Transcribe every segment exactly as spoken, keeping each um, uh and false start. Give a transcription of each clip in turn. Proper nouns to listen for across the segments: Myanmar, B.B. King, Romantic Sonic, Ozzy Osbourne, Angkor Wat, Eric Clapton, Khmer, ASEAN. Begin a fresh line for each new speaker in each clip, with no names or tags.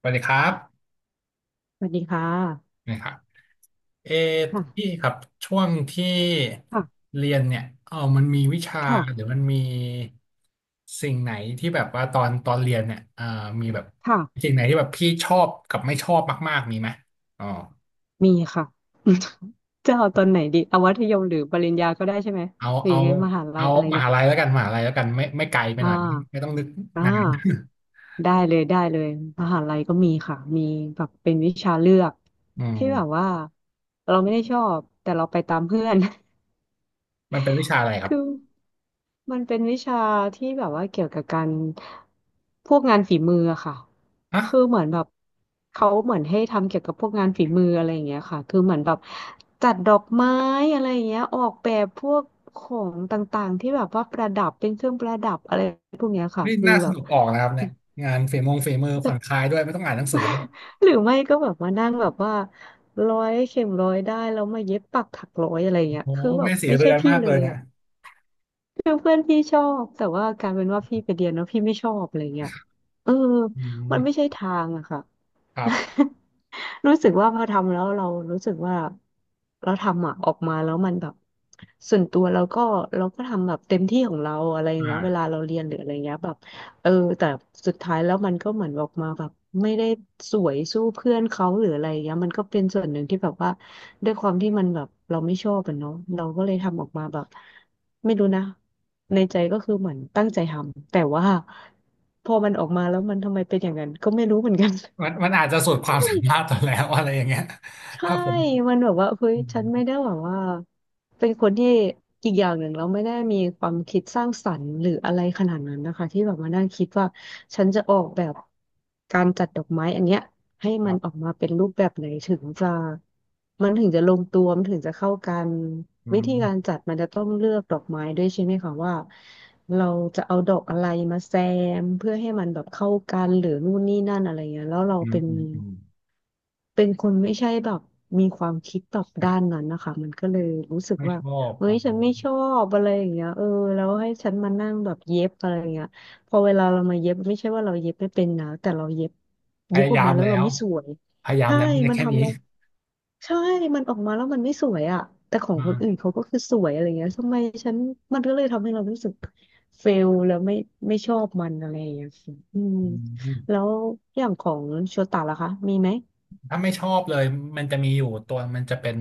สวัสดีครับ
สวัสดีค่ะ
นะครับเออพี่
ค่ะ
ครับช่วงที่
ค่ะ
เรียนเนี่ยเออมันมีวิชาหรือ
ค่ะ
มันมีสิ่งไหนที่แบบว่าตอนตอนเรียนเนี่ยเออมีแบบ
ค่ะ
สิ่งไหนที่แบบพี่ชอบกับไม่ชอบมากๆมีไหมอ๋อ
มีค่ะ จะเอาตอนไหนดีเอามัธยมหรือปริญญาก็ได้ใช่ไหม
เอา
หรือ
เอา
ยังไงมหาลั
เอา
ยอะไร
ม
เงี้ย
หาลัยแล้วกันมหาลัยแล้วกันไม่ไม่ไกลไป
อ่า
หน่อยไม่ไม่ต้องนึก
อ่า
นาน
ได้เลยได้เลยมหาลัยก็มีค่ะ มีแบบเป็นวิชาเลือก
อื
ที่แบบ
ม
ว่าเราไม่ได้ชอบแต่เราไปตามเพื่อน
มันเป็นวิชาอะไรครับ
คือมันเป็นวิชาที่แบบว่าเกี่ยวกับการพวกงานฝีมืออะค่ะ
ฮะ
คือเหมือนแบบเขาเหมือนให้ทำเกี่ยวกับพวกงานฝีมืออะไรอย่างเงี้ยค่ะคือเหมือนแบบจัดดอกไม้อะไรอย่างเงี้ยออกแบบพวกของต่างๆที่แบบว่าประดับเป็นเครื่องประดับอะไรพวกเนี้ยค่ะ
นี่
คือ
น่าส
แบบ
นุกออกนะครับเนี่ยงานฝีมงฝีมือผ่อนคลายด้วยไม่ต้องอ่านหนังสือด้วย
หรือไม่ก็แบบมานั่งแบบว่าร้อยเข็มร้อยได้แล้วมาเย็บปักถักร้อยอะไรอย่างเงี้ย
โอ้โห
คือแบบ
แม่สี
ไม่
เรื
ใช่
อน
พี่
มาก
เล
เลย
ย
เนี่ย
อะ คือเพื่อนพี่ชอบแต่ว่าการเป็นว่าพี่ไปเรียนแล้วพี่ไม่ชอบอะไรเงี้ยเออ
อื
มันไม่ใช่
ม
ทางอะค่ะ
ครับ
รู้สึกว่าพอทำแล้วเรารู้สึกว่าเราทำอ่ะออกมาแล้วมันแบบส่วนตัวเราก็เราก็ทำแบบเต็มที่ของเราอะไรอย่างเงี้ยเวลา
อ่า
เราเรียนหรืออะไรเงี้ยแบบเออแต่สุดท้ายแล้วมันก็เหมือนออกมาแบบไม่ได้สวยสู้เพื่อนเขาหรืออะไรเงี้ยมันก็เป็นส่วนหนึ่งที่แบบว่าด้วยความที่มันแบบเราไม่ชอบอะเนาะเราก็เลยทำออกมาแบบไม่รู้นะในใจก็คือเหมือนตั้งใจทำแต่ว่าพอมันออกมาแล้วมันทำไมเป็นอย่างนั้นก็ไม่รู้เหมือนกัน
มันมันอาจจะสุดความสามารถตอนแล้วอะไรอย่างเงี้ย
ใช่
ถ้าผม
มันแบบว่าเฮ้ย
อืม
ฉันไม่ได้แบบว่าเป็นคนที่อีกอย่างหนึ่งเราไม่ได้มีความคิดสร้างสรรค์หรืออะไรขนาดนั้นนะคะที่แบบมานั่งคิดว่าฉันจะออกแบบการจัดดอกไม้อันเนี้ยให้
ค
มั
รั
นออก
บ
มาเป็นรูปแบบไหนถึงจะมันถึงจะลงตัวมันถึงจะเข้ากัน
อื
วิธี
ม
การจัดมันจะต้องเลือกดอกไม้ด้วยใช่ไหมคะว่าเราจะเอาดอกอะไรมาแซมเพื่อให้มันแบบเข้ากันหรือนู่นนี่นั่นอะไรเงี้ยแล้วเรา
อืม
เป็น
อืมอืม
เป็นคนไม่ใช่แบบมีความคิดแบบด้านนั้นนะคะมันก็เลยรู้สึก
ไม่
ว่า
ชอบ
เฮ้ย
อ่า
ฉันไม่ชอบอะไรอย่างเงี้ยเออแล้วให้ฉันมานั่งแบบเย็บอะไรอย่างเงี้ยพอเวลาเรามาเย็บไม่ใช่ว่าเราเย็บไม่เป็นนะแต่เราเย็บ
พ
เย็บ
ยา
ออ
ยา
ก
ม
มาแล้ว
แล้
เรา
ว
ไม่สวย
พยายาม
ใช่
แล้วมันได้
มัน
แค่
ทำ
นี้
เราใช่มันออกมาแล้วมันไม่สวยอ่ะแต่ของคนอื่น
อา
เขาก็คือสวยอะไรเงี้ยทำไมฉันมันก็เลยทำให้เรารู้สึกเฟลแล้วไม่ไม่ชอบมันอะไรอย่างเงี้ยค่ะอืม
อืม
แล้วอย่างของโชตะล่ะคะมีไหม
ถ้าไม่ชอบเลยมันจะมีอยู่ตัวมันจะเป็น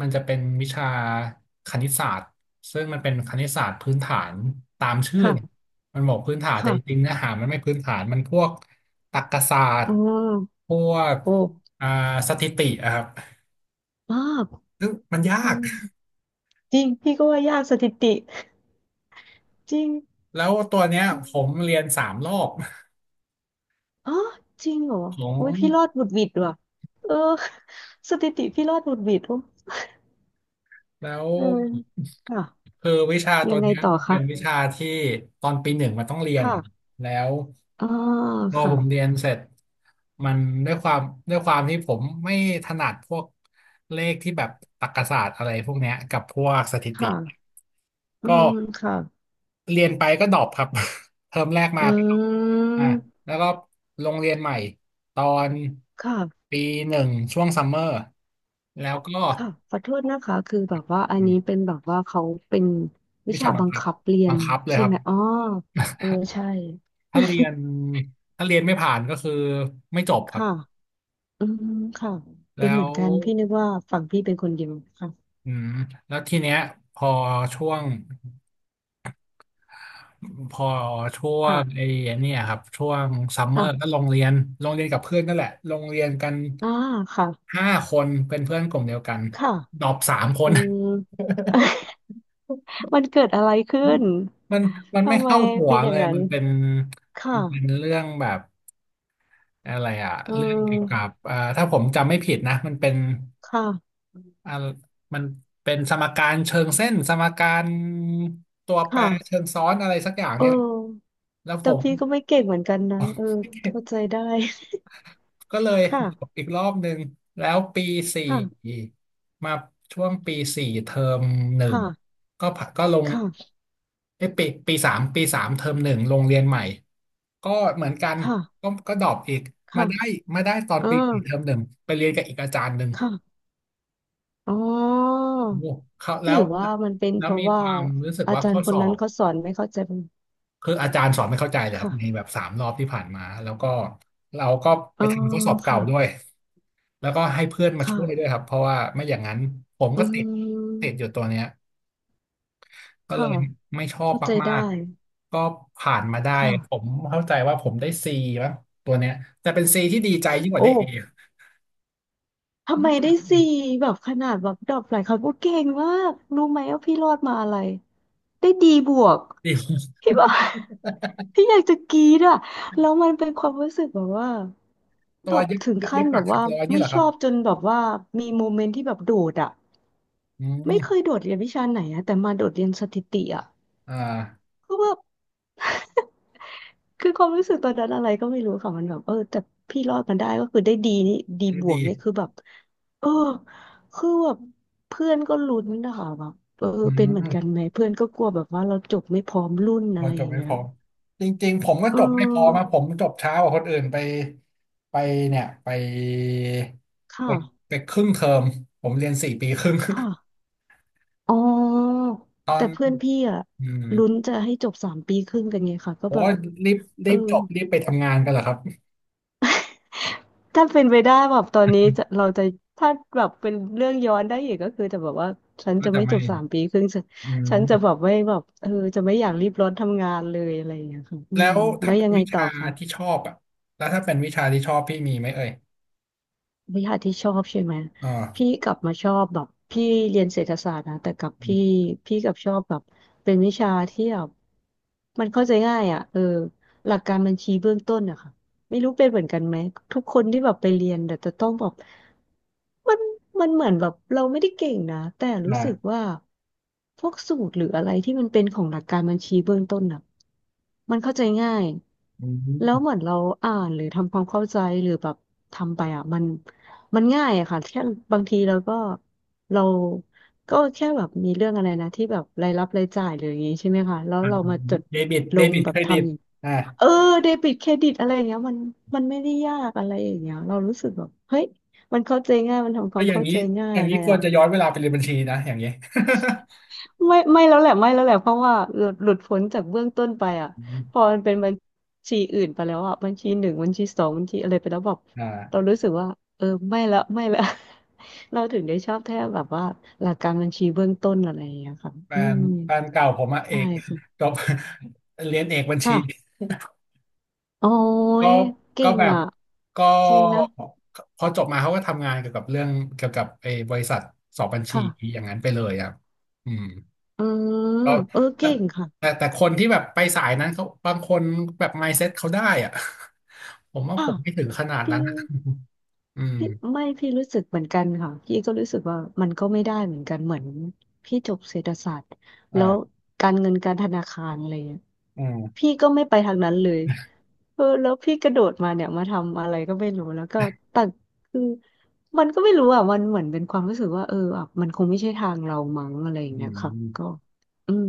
มันจะเป็นวิชาคณิตศาสตร์ซึ่งมันเป็นคณิตศาสตร์พื้นฐานตามชื่อเนี่ย
ค่ะ
มันบอกพื้นฐานแต่จริง
ค่ะ
ๆเนื้อหามันไม่พื้นฐานมันพวกตรรกศาสต
อ๋อ
ร์พวก
โอ้
อ่าสถิติอะครับ
มาก
ซึ่งมันยา
อื
ก
มจริงพี่ก็ว่ายากสถิติจริง
แล้วตัวเนี้ย
อ
ผม
ม
เรียนสามรอบ
อ๋อจริงเหรอ
ขอ
โอ้ย
ง
พี่รอดหวุดหวิดว่ะเออสถิติพี่รอดหวุดหวิดโอ้
แล้ว
เออค่ะ
คือวิชาตั
ยั
ว
งไง
เนี้ย
ต่อ
มันเป็
คะ
นวิชาที่ตอนปีหนึ่งมันต้องเรียนอะ
ค่ะ
แล้ว
อ่า
พอ
ค่ะ
ผมเรียนเสร็จมันด้วยความด้วยความที่ผมไม่ถนัดพวกเลขที่แบบตรรกศาสตร์อะไรพวกเนี้ยกับพวกสถิติ
ค่ะอื
ก็
มค่ะ
เรียนไปก็ดรอปครับ เทอมแรกมา
อื
ก็ดรอปอ่ะ
ม
แล้วก็ลงเรียนใหม่ตอน
ค่ะ
ปีหนึ่งช่วงซัมเมอร์แล้วก็
ค่ะขอโทษนะคะคือแบบว่าอัน
อืม
นี้เป็นแบบว่าเขาเป็นวิ
วิ
ชา
ชาบัง
บัง
คับ
คับเรีย
บั
น
งคับเลย
ใช่
ครับ
ไหมอ๋อเออใช่
ถ้าเรียนถ้าเรียนไม่ผ่านก็คือไม่จบ ครับ
ค่ะ อืมค่ะเป็
แล้
นเหมือ
ว
นกันพี่นึกว่าฝั่งพี่เป็นคนเดียวค่ะ
อืมแล้วทีเนี้ยพอช่วงพอช่วง
ค่ะ
ไอ้เนี่ยครับช่วงซัมเมอร์ก็
ค่ะ
ลงเรียนลงเรียนกับเพื่อนนั่นแหละลงเรียนกัน
อ่าค่ะ
ห้าคนเป็นเพื่อนกลุ่มเดียวกัน
ค่ะ
ดรอปสามค
อื
น
ม มันเกิดอะไรขึ้น
มันมันไม่
ทำไม
เข้าหัว
เป็นอ
เล
ย่าง
ย
นั้
มั
น
นเป็น
ค
มันเป็น
่ะ
เรื่องแบบอะไรอะ
อื
เรื่องเกี่ยวกับ
ม
เอ่อถ้าผมจำไม่ผิดนะมันเป็น
ค่ะ
อ่ามันเป็นสมการเชิงเส้นสมการตัวแปร
ค่ะ
เชิงซ้อนอะไรสักอย่าง
เออ
เนี่ยแหละแล้วผ
แต่
ม
พี่ก็ไม่เก่งเหมือนกันนะเออเข้าใจได้
ก็เลย ดรอป
ค่ะ
อีกรอบหนึ่งแล้วปีสี่
ค่ะ
มาช่วงปีสี่เทอมหนึ่ง
ค่ะ
ก็ผ่าก็ลง
ค่ะ
เอ้ยปีปีสามปีสามเทอมหนึ่งลงเรียนใหม่ก็เหมือนกัน
ค่ะ
ก็ก็ดรอปอีกมา
ค่ะ
ได้มาได้ตอน
อ่า
ปีสี่เทอมหนึ่งไปเรียนกับอีกอาจารย์หนึ่ง
ค่ะอ๋อ
โอ้เขา
ห
แล้ว
รือว่ามันเป็น
แล้
เพ
ว
ราะ
มีค
ว่า
วามรู้สึก
อา
ว่า
จาร
ข้อ
ย์ค
ส
น
อ
นั้น
บ
เขาสอนไม่เข้าใจมัน
คืออาจารย์สอนไม่เข้าใจเลยครับใน
ค่ะ
แบบสามรอบที่ผ่านมาแล้วก็เราก็ไป
อ๋อ
ทำข้อสอบเก่าด้ว
ค่ะ
ยแล้วก็ให้เพื่อนมาช่วยด้วย
ค่ะ
ครับเพราะว่าไม่อย่างนั้นผม
อื
ก็ติดติดอยู่
ม
ตัวเนี้ยก็เล
ค่ะ
ยไม่ชอบ
เข้าใจ
มา
ได้
กๆก็ผ่านมาได้ผ
ค่ะ
มเข้าใจว่าผมได้ C มั้งตัวเนี้ยแต่เป็น C ที่ดีใจยิ่งก
โอ้
ว่าได้ เอ
ทำไม
ยิ่งก
ได้
ว่าได้
สี่แบบขนาดแบบดรอปหลายครั้งโอ้เก่งมาก รู้ไหมว่าพี่รอดมาอะไร ได้ดีบวก
A
พี่บอก พี่อยากจะกรี๊ดอ่ะแล้วมันเป็นความรู้สึกแบบว่า
ตั
แบ
ว
บ
เย็บ
ถึง
เย็
ขั้น
บ
แบ
ปัก
บ
ถัก
ว่า
ร้อยนี่
ไม่
เหรอค
ช
รับ
อบจนแบบว่ามีโมเมนต์ที่แบบโดดอ่ะ
อื
ไม่เคย
ม
โดดเรียนวิชาไหนอะแต่มาโดดเรียนสถิติอ่ะ
อ่า
ก็แบบ คือความรู้สึกตอนนั้นอะไรก็ไม่รู้ค่ะมันแบบเออแต่พี่รอดมันได้ก็คือได้ดีนี่ดีบวก
ดี
นี่คือแบบเออคือแบบเพื่อนก็ลุ้นนะคะแบบเออ
อื
เป็นเหมือนกัน
ม
ไหมเพื่อนก็กลัวแบบว่าเราจบไม่พร้อมรุ่นอะ
เรา
ไร
จ
อ
บ
ย่าง
ไม่
เงี้
พ
ย
ร้อมจริงๆผมก็
เ
จบไม่พร้อมา
ออ
ผมจบช้ากว่าคนอื่นไปไปเนี่ยไปไป
ค่ะ
ไปครึ่งเทอมผมเรียนสี่ปีครึ่ง
ค่ะอ๋อ
ตอ
แต่
น
เพื่อนพี่อะ
อืม
ลุ้นจะให้จบสามปีครึ่งกันไงค่ะก็
โอ้
แบบ
รีบ
เอ
รี
อ
บจบรีบไปทำงานกันเหรอครับ
ถ้าเป็นไปได้แบบตอนนี้ จะเราจะถ้าแบบเป็นเรื่องย้อนได้อีกก็คือจะแบบว่าฉัน
ก็
จะ
จะ
ไม่
ไม่
จบสามปีครึ่งฉัน
อื
ฉั
ม
นจะแบบไม่แบบเออจะไม่อยากรีบร้อนทำงานเลยอะไรอย่างเงี้ยค่ะอื
แล้
ม
ว
แล้
ถ้า
ว
เป็
ยั
น
งไง
วิ
ต่อ
ชา
คะ
ที่ชอบอ่ะแล้วถ้าเป็นวิชาที่ชอบพี่มีไหมเอ่ย
วิชาที่ชอบใช่ไหมพี่
อ่า
กลับมาชอบแบบพี่เรียนเศรษฐศาสตร์นะแต่กับ
อ
พี่
ม
พี่กลับชอบแบบเป็นวิชาที่แบบมันเข้าใจง่ายอ่ะเออหลักการบัญชีเบื้องต้นอะค่ะไม่รู้เป็นเหมือนกันไหมทุกคนที่แบบไปเรียนแต่จะต้องแบบมันมันเหมือนแบบเราไม่ได้เก่งนะแต่รู้สึก
อ่า
ว่าพวกสูตรหรืออะไรที่มันเป็นของหลักการบัญชีเบื้องต้นอะมันเข้าใจง่าย
อื
แล้วเห
ม
มือนเราอ่านหรือทำความเข้าใจหรือแบบทำไปอ่ะมัน มันง่ายอะค่ะแค่บางทีเราก็เราก็แค่แบบมีเรื่องอะไรนะที่แบบรายรับรายจ่ายหรืออย่างงี้ใช่ไหมคะแล้วเรามาจด
เดบิต
ล
เด
ง
บิต
แบ
เค
บ
ร
ท
ดิตอ่า
ำเออเดบิตเครดิตอะไรอย่างเงี้ยมันมันไม่ได้ยากอะไรอย่างเงี้ยเรารู้สึกแบบเฮ้ยมันเข้าใจง่ายมันทำควา
ถ้า
ม
อย่าง
เข้า
นี้
ใจง่า
อ
ย
ย่าง
อะ
นี้
ไร
ควรจะย้อนเวลาไปเรียนบัญชีนะอย่างนี้
ไม่ไม่แล้วแหละไม่แล้วแหละเพราะว่าหลุดหลุดพ้นจากเบื้องต้นไปอ่ะพอ
อ
มันเป็นบัญชีอื่นไปแล้วอ่ะบัญชีหนึ่งบัญชีสองบัญชีอะไรไปแล้วแบบเรา
่า
รู้สึกว่าเออไม่ละไม่ละ เราถึงได้ชอบแท้แบบว่าหลักการบัญชีเบื้องต้นอะไรอย่างเงี้ยค่ะ
แฟ
อื
น
ม
แฟนเก่าผมอะเอ
ใช่
ก
ค่ะ
จบ เรียนเอกบัญชี
ค่ะโอ้
ก็
ยเก่
ก็
ง
แบบ
อ่ะ
ก็
จริงนะ
พอจบมาเขาก็ทำงานเกี่ยวกับเรื่องเกี่ยวกับไอ้บริษัทสอบบัญชี
ค่ะ
อย่างนั้นไปเลยอะอืม
อืม
ก็
เออเก่งค่ะ
แต่แต่แต่คนที่แบบไปสายนั้นเขาบางคนแบบ มายด์เซ็ต เขาได้อะ ผมว่า
ค่ะ
ผมไม่ถึงขนาด
พี่
นั้นอะ อืม
พี่ไม่พี่รู้สึกเหมือนกันค่ะพี่ก็รู้สึกว่ามันก็ไม่ได้เหมือนกันเหมือนพี่จบเศรษฐศาสตร์แล้ว
อ่า
การเงินการธนาคารอะไรเงี้ย
อืม
พี่ก็ไม่ไปทางนั้นเลยเออแล้วพี่กระโดดมาเนี่ยมาทำอะไรก็ไม่รู้แล้วก็แต่คือมันก็ไม่รู้อ่ะมันเหมือนเป็นความรู้สึกว่าเอออ่ะมันคงไม่ใช่ทางเรามั้งอะไรอย่า
อื
งเงี้ยค่ะก็
ม
อืม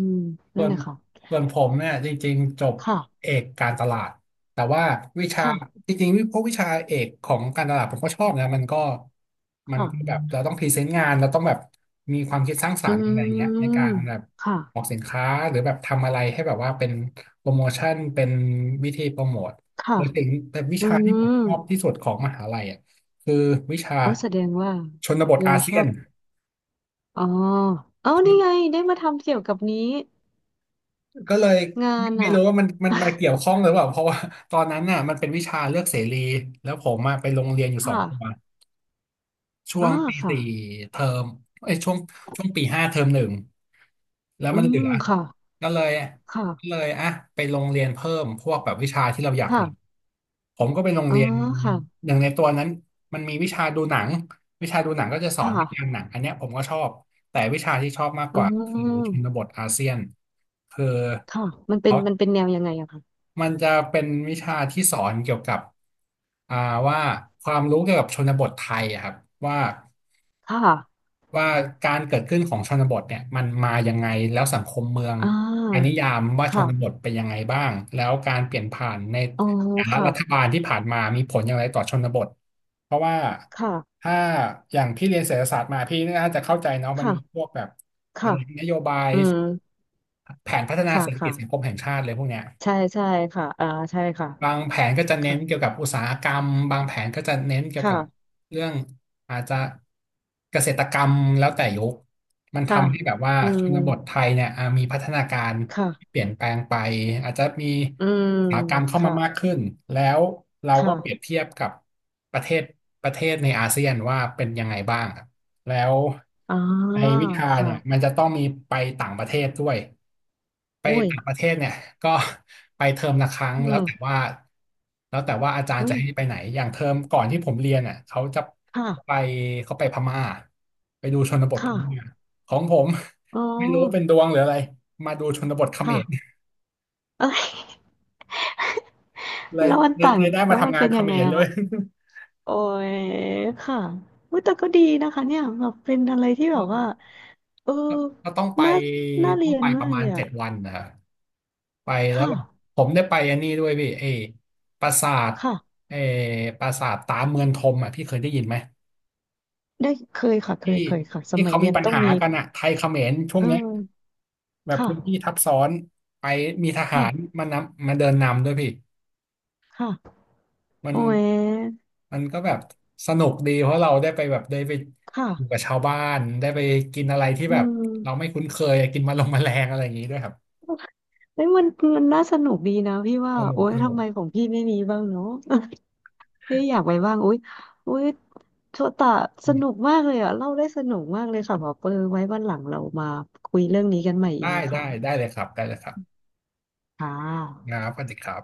ส่
นั่น
ว
แห
น
ละค่ะ
ส่วนผมเนี่ยจริงๆจบ
ค่ะ
เอกการตลาดแต่ว่าวิชา
ค่ะ
จริงๆวิพวกวิชาเอกของการตลาดผมก็ชอบนะมันก็มัน
ค่ะ
ก็แบบเราต้องพรีเซนต์งานเราต้องแบบมีความคิดสร้างสร
อื
รค์อะไรเงี้ยในการ
ม
แบบ
ค่ะ
ออกสินค้าหรือแบบทำอะไรให้แบบว่าเป็นโปรโมชั่นเป็นวิธีโปรโมท
ค่ะ
แต่สิ่งแต่วิ
อื
ชาที่ผม
ม
ชอบที่สุดของมหาลัยอ่ะคือวิชา
อ๋อแสดงว่า
ชนบท
เรา
อา
ช
เซีย
อ
น
บอ๋อเอานี่ไงได้มาทำเกี่ยวกับนี้
ก็เลย
งาน
ไม่
อ่ะ
รู้ว่ามันมันมาเกี่ยวข้อ งหรือเปล่าเพราะว่าตอนนั้นน่ะมันเป็นวิชาเลือกเสรีแล้วผมมาไปโรงเรียนอยู่สอง
ค่ะ
ตัวช่ว
อ่า
งปี
ค่ะ
สี่เทอมเอ้ยช่วงช่วงปีห้าเทอมหนึ่งแล้ว
อื
มันเห
ม
ลือ
ค่ะ
ก็เลยก็
ค่ะ
เลยอ่ะไปโรงเรียนเพิ่มพวกแบบวิชาที่เราอยาก
ค่ะ
เรียนผมก็ไปโรง
อ๋อ
เรียน
ค่ะ
หนึ่งในตัวนั้นมันมีวิชาดูหนังวิชาดูหนังก็จะส
ค
อนวิจารณ์
่ะ
หนังอันเนี้ยผมก็ชอบแต่วิชาที่ชอบมากก
อื
ว่าคือชน
ม
บทอาเซียนคือ
ค่ะมันเป็น
เขา
มันเป็นแนวยังไงอะคะ
มันจะเป็นวิชาที่สอนเกี่ยวกับอ่าว่าความรู้เกี่ยวกับชนบทไทยอะครับว่า
ค่ะ
ว่าการเกิดขึ้นของชนบทเนี่ยมันมายังไงแล้วสังคมเมือง
อ่
ใครนิ
า
ยามว่าชนบท
ค่ะ
เป็นยังไงบ้างแล้วการเปลี่ยนผ่านใน
อ๋อ
แต่ละรัฐ
ค่ะ
บาลที่ผ่านมามีผลอย่างไรต่อชนบทเพราะว่า
ค่ะ
ถ้าอย่างพี่เรียนเศรษฐศาสตร์มาพี่น่าจะเข้าใจเนาะมันมีพว
ค่ะ
กแบบอะ
ค่ะ
ไรนโยบาย
อืม
แผนพัฒนา
ค่ะ
เศรษฐกิจ
ค่ะ
สังคมแห่งชาติเลยพวกเนี้ย
ใช่ใช่ค่ะอ่าใช่ค่ะ
บางแผนก็จะเน้
ค่ะ
นเกี่ยวกับอุตสาหกรรมบางแผนก็จะเน้นเกี่ยวกับ
ค่ะ
เรื่องอาจจะเกษตรกรรมแล้วแต่ยุค มัน
ค่ะ
ทำให้แบบว่า
อื
ช
ม
นบทไทยเนี่ยอ่ะมีพัฒนาการที่
ค่ะ
เปลี่ยนแปลงไปอาจจะมี
อืม
อุตสาหกรรมเข้ามา
ค่ะ
มากขึ้นแล้วเราก็เปรียบ
ค่ะ
เทียบกับประเทศประเทศในอาเซียนว่าเป็นยังไงบ้างครับแล้ว
อ๋อ
ในวิชาเนี่ยมัน
ค่ะ
จะต้องมีไปต่างประเทศด้วยไป
อุ้ย
ต่างประเทศเนี่ยก็ ไปเทอมละครั้ง
อื
แล้วแต่
ม
ว่าแล้วแต่ว่าอาจารย์
อุ้
จะ
ย
ให้ไปไหนอย่างเทอมก่อนที่ผมเรียนอ่ะเขาจะ
ค่ะ
ไปเขาไปพม่าไปดูชนบทพ
ค่ะ
ม่า ของผม
อ๋อ
ไม่รู้เป็นดวงหรืออะไรมาดูชนบทเขมร
ค่ะเอ้ย
เลย
แล้วมัน
เลย
ต่าง
เลยได้
แล้
มา
วมัน
ทำงาน
เป็น
เข
ยัง
ม
ไง
ร
อะ
เลย
คะ โอ้ยค่ะอุยแต่ก็ดีนะคะเนี่ยแบบเป็นอะไรที่แบ
ก็
บว่าเออ
ก็ก็ต้องไป
น่าน่าเรี
ต้อง
ยน
ไปป
มา
ระ
ก
มา
เล
ณ
ยอะ
เจ็ดวันนะครับไปแล้ว
ค่ะ
แบบผมได้ไปอันนี้ด้วยพี่เอปราสาท
ค่ะ
เอปราสาทตาเมืองธมอ่ะพี่เคยได้ยินไหม
ได้เคยค่ะเคย
ที่
เคยค่ะส
ที่
มัย
เขา
เรี
มี
ยน
ปัญ
ต้อง
หา
มี
กันอ่ะไทยเขมรช่วง
เอ
เนี้ย
อ
แบบพื้นที่
ค่ะ
ทับซ้อนไปมีทหา
ค่ะ
รมานำมาเดินนำด้วยพี่
ค่ะ
มัน
โอ้ย
มันก็แบบสนุกดีเพราะเราได้ไปแบบได้ไป
ค่ะ
อยู่กับชาวบ้านได้ไปกินอะไรที่
อื
แบบเรา
ม
ไม่คุ้นเคยกินมาลงแมลงอะไรอย่างนี้ด้วยครับ
เอ้ยมันมันน่าสนุกดีนะพี่ว่า
สนุก
โอ๊
ส
ย
นุ
ทำ
ก
ไมของพี่ไม่มีบ้างเนาะ เอ่อยากไปบ้างโอ๊ยโอ๊ยโชตะส
อื
นุก
ม
มากเลยอ่ะเล่าได้สนุกมากเลยค่ะหมอเปอไว้วันหลังเรามาคุยเรื่องนี้กันใหม่อี
ได้
กนะ
ได้
คะ
ได้เลยครับได้เลยครับ
ค่ะ
งาสวัสดีครับ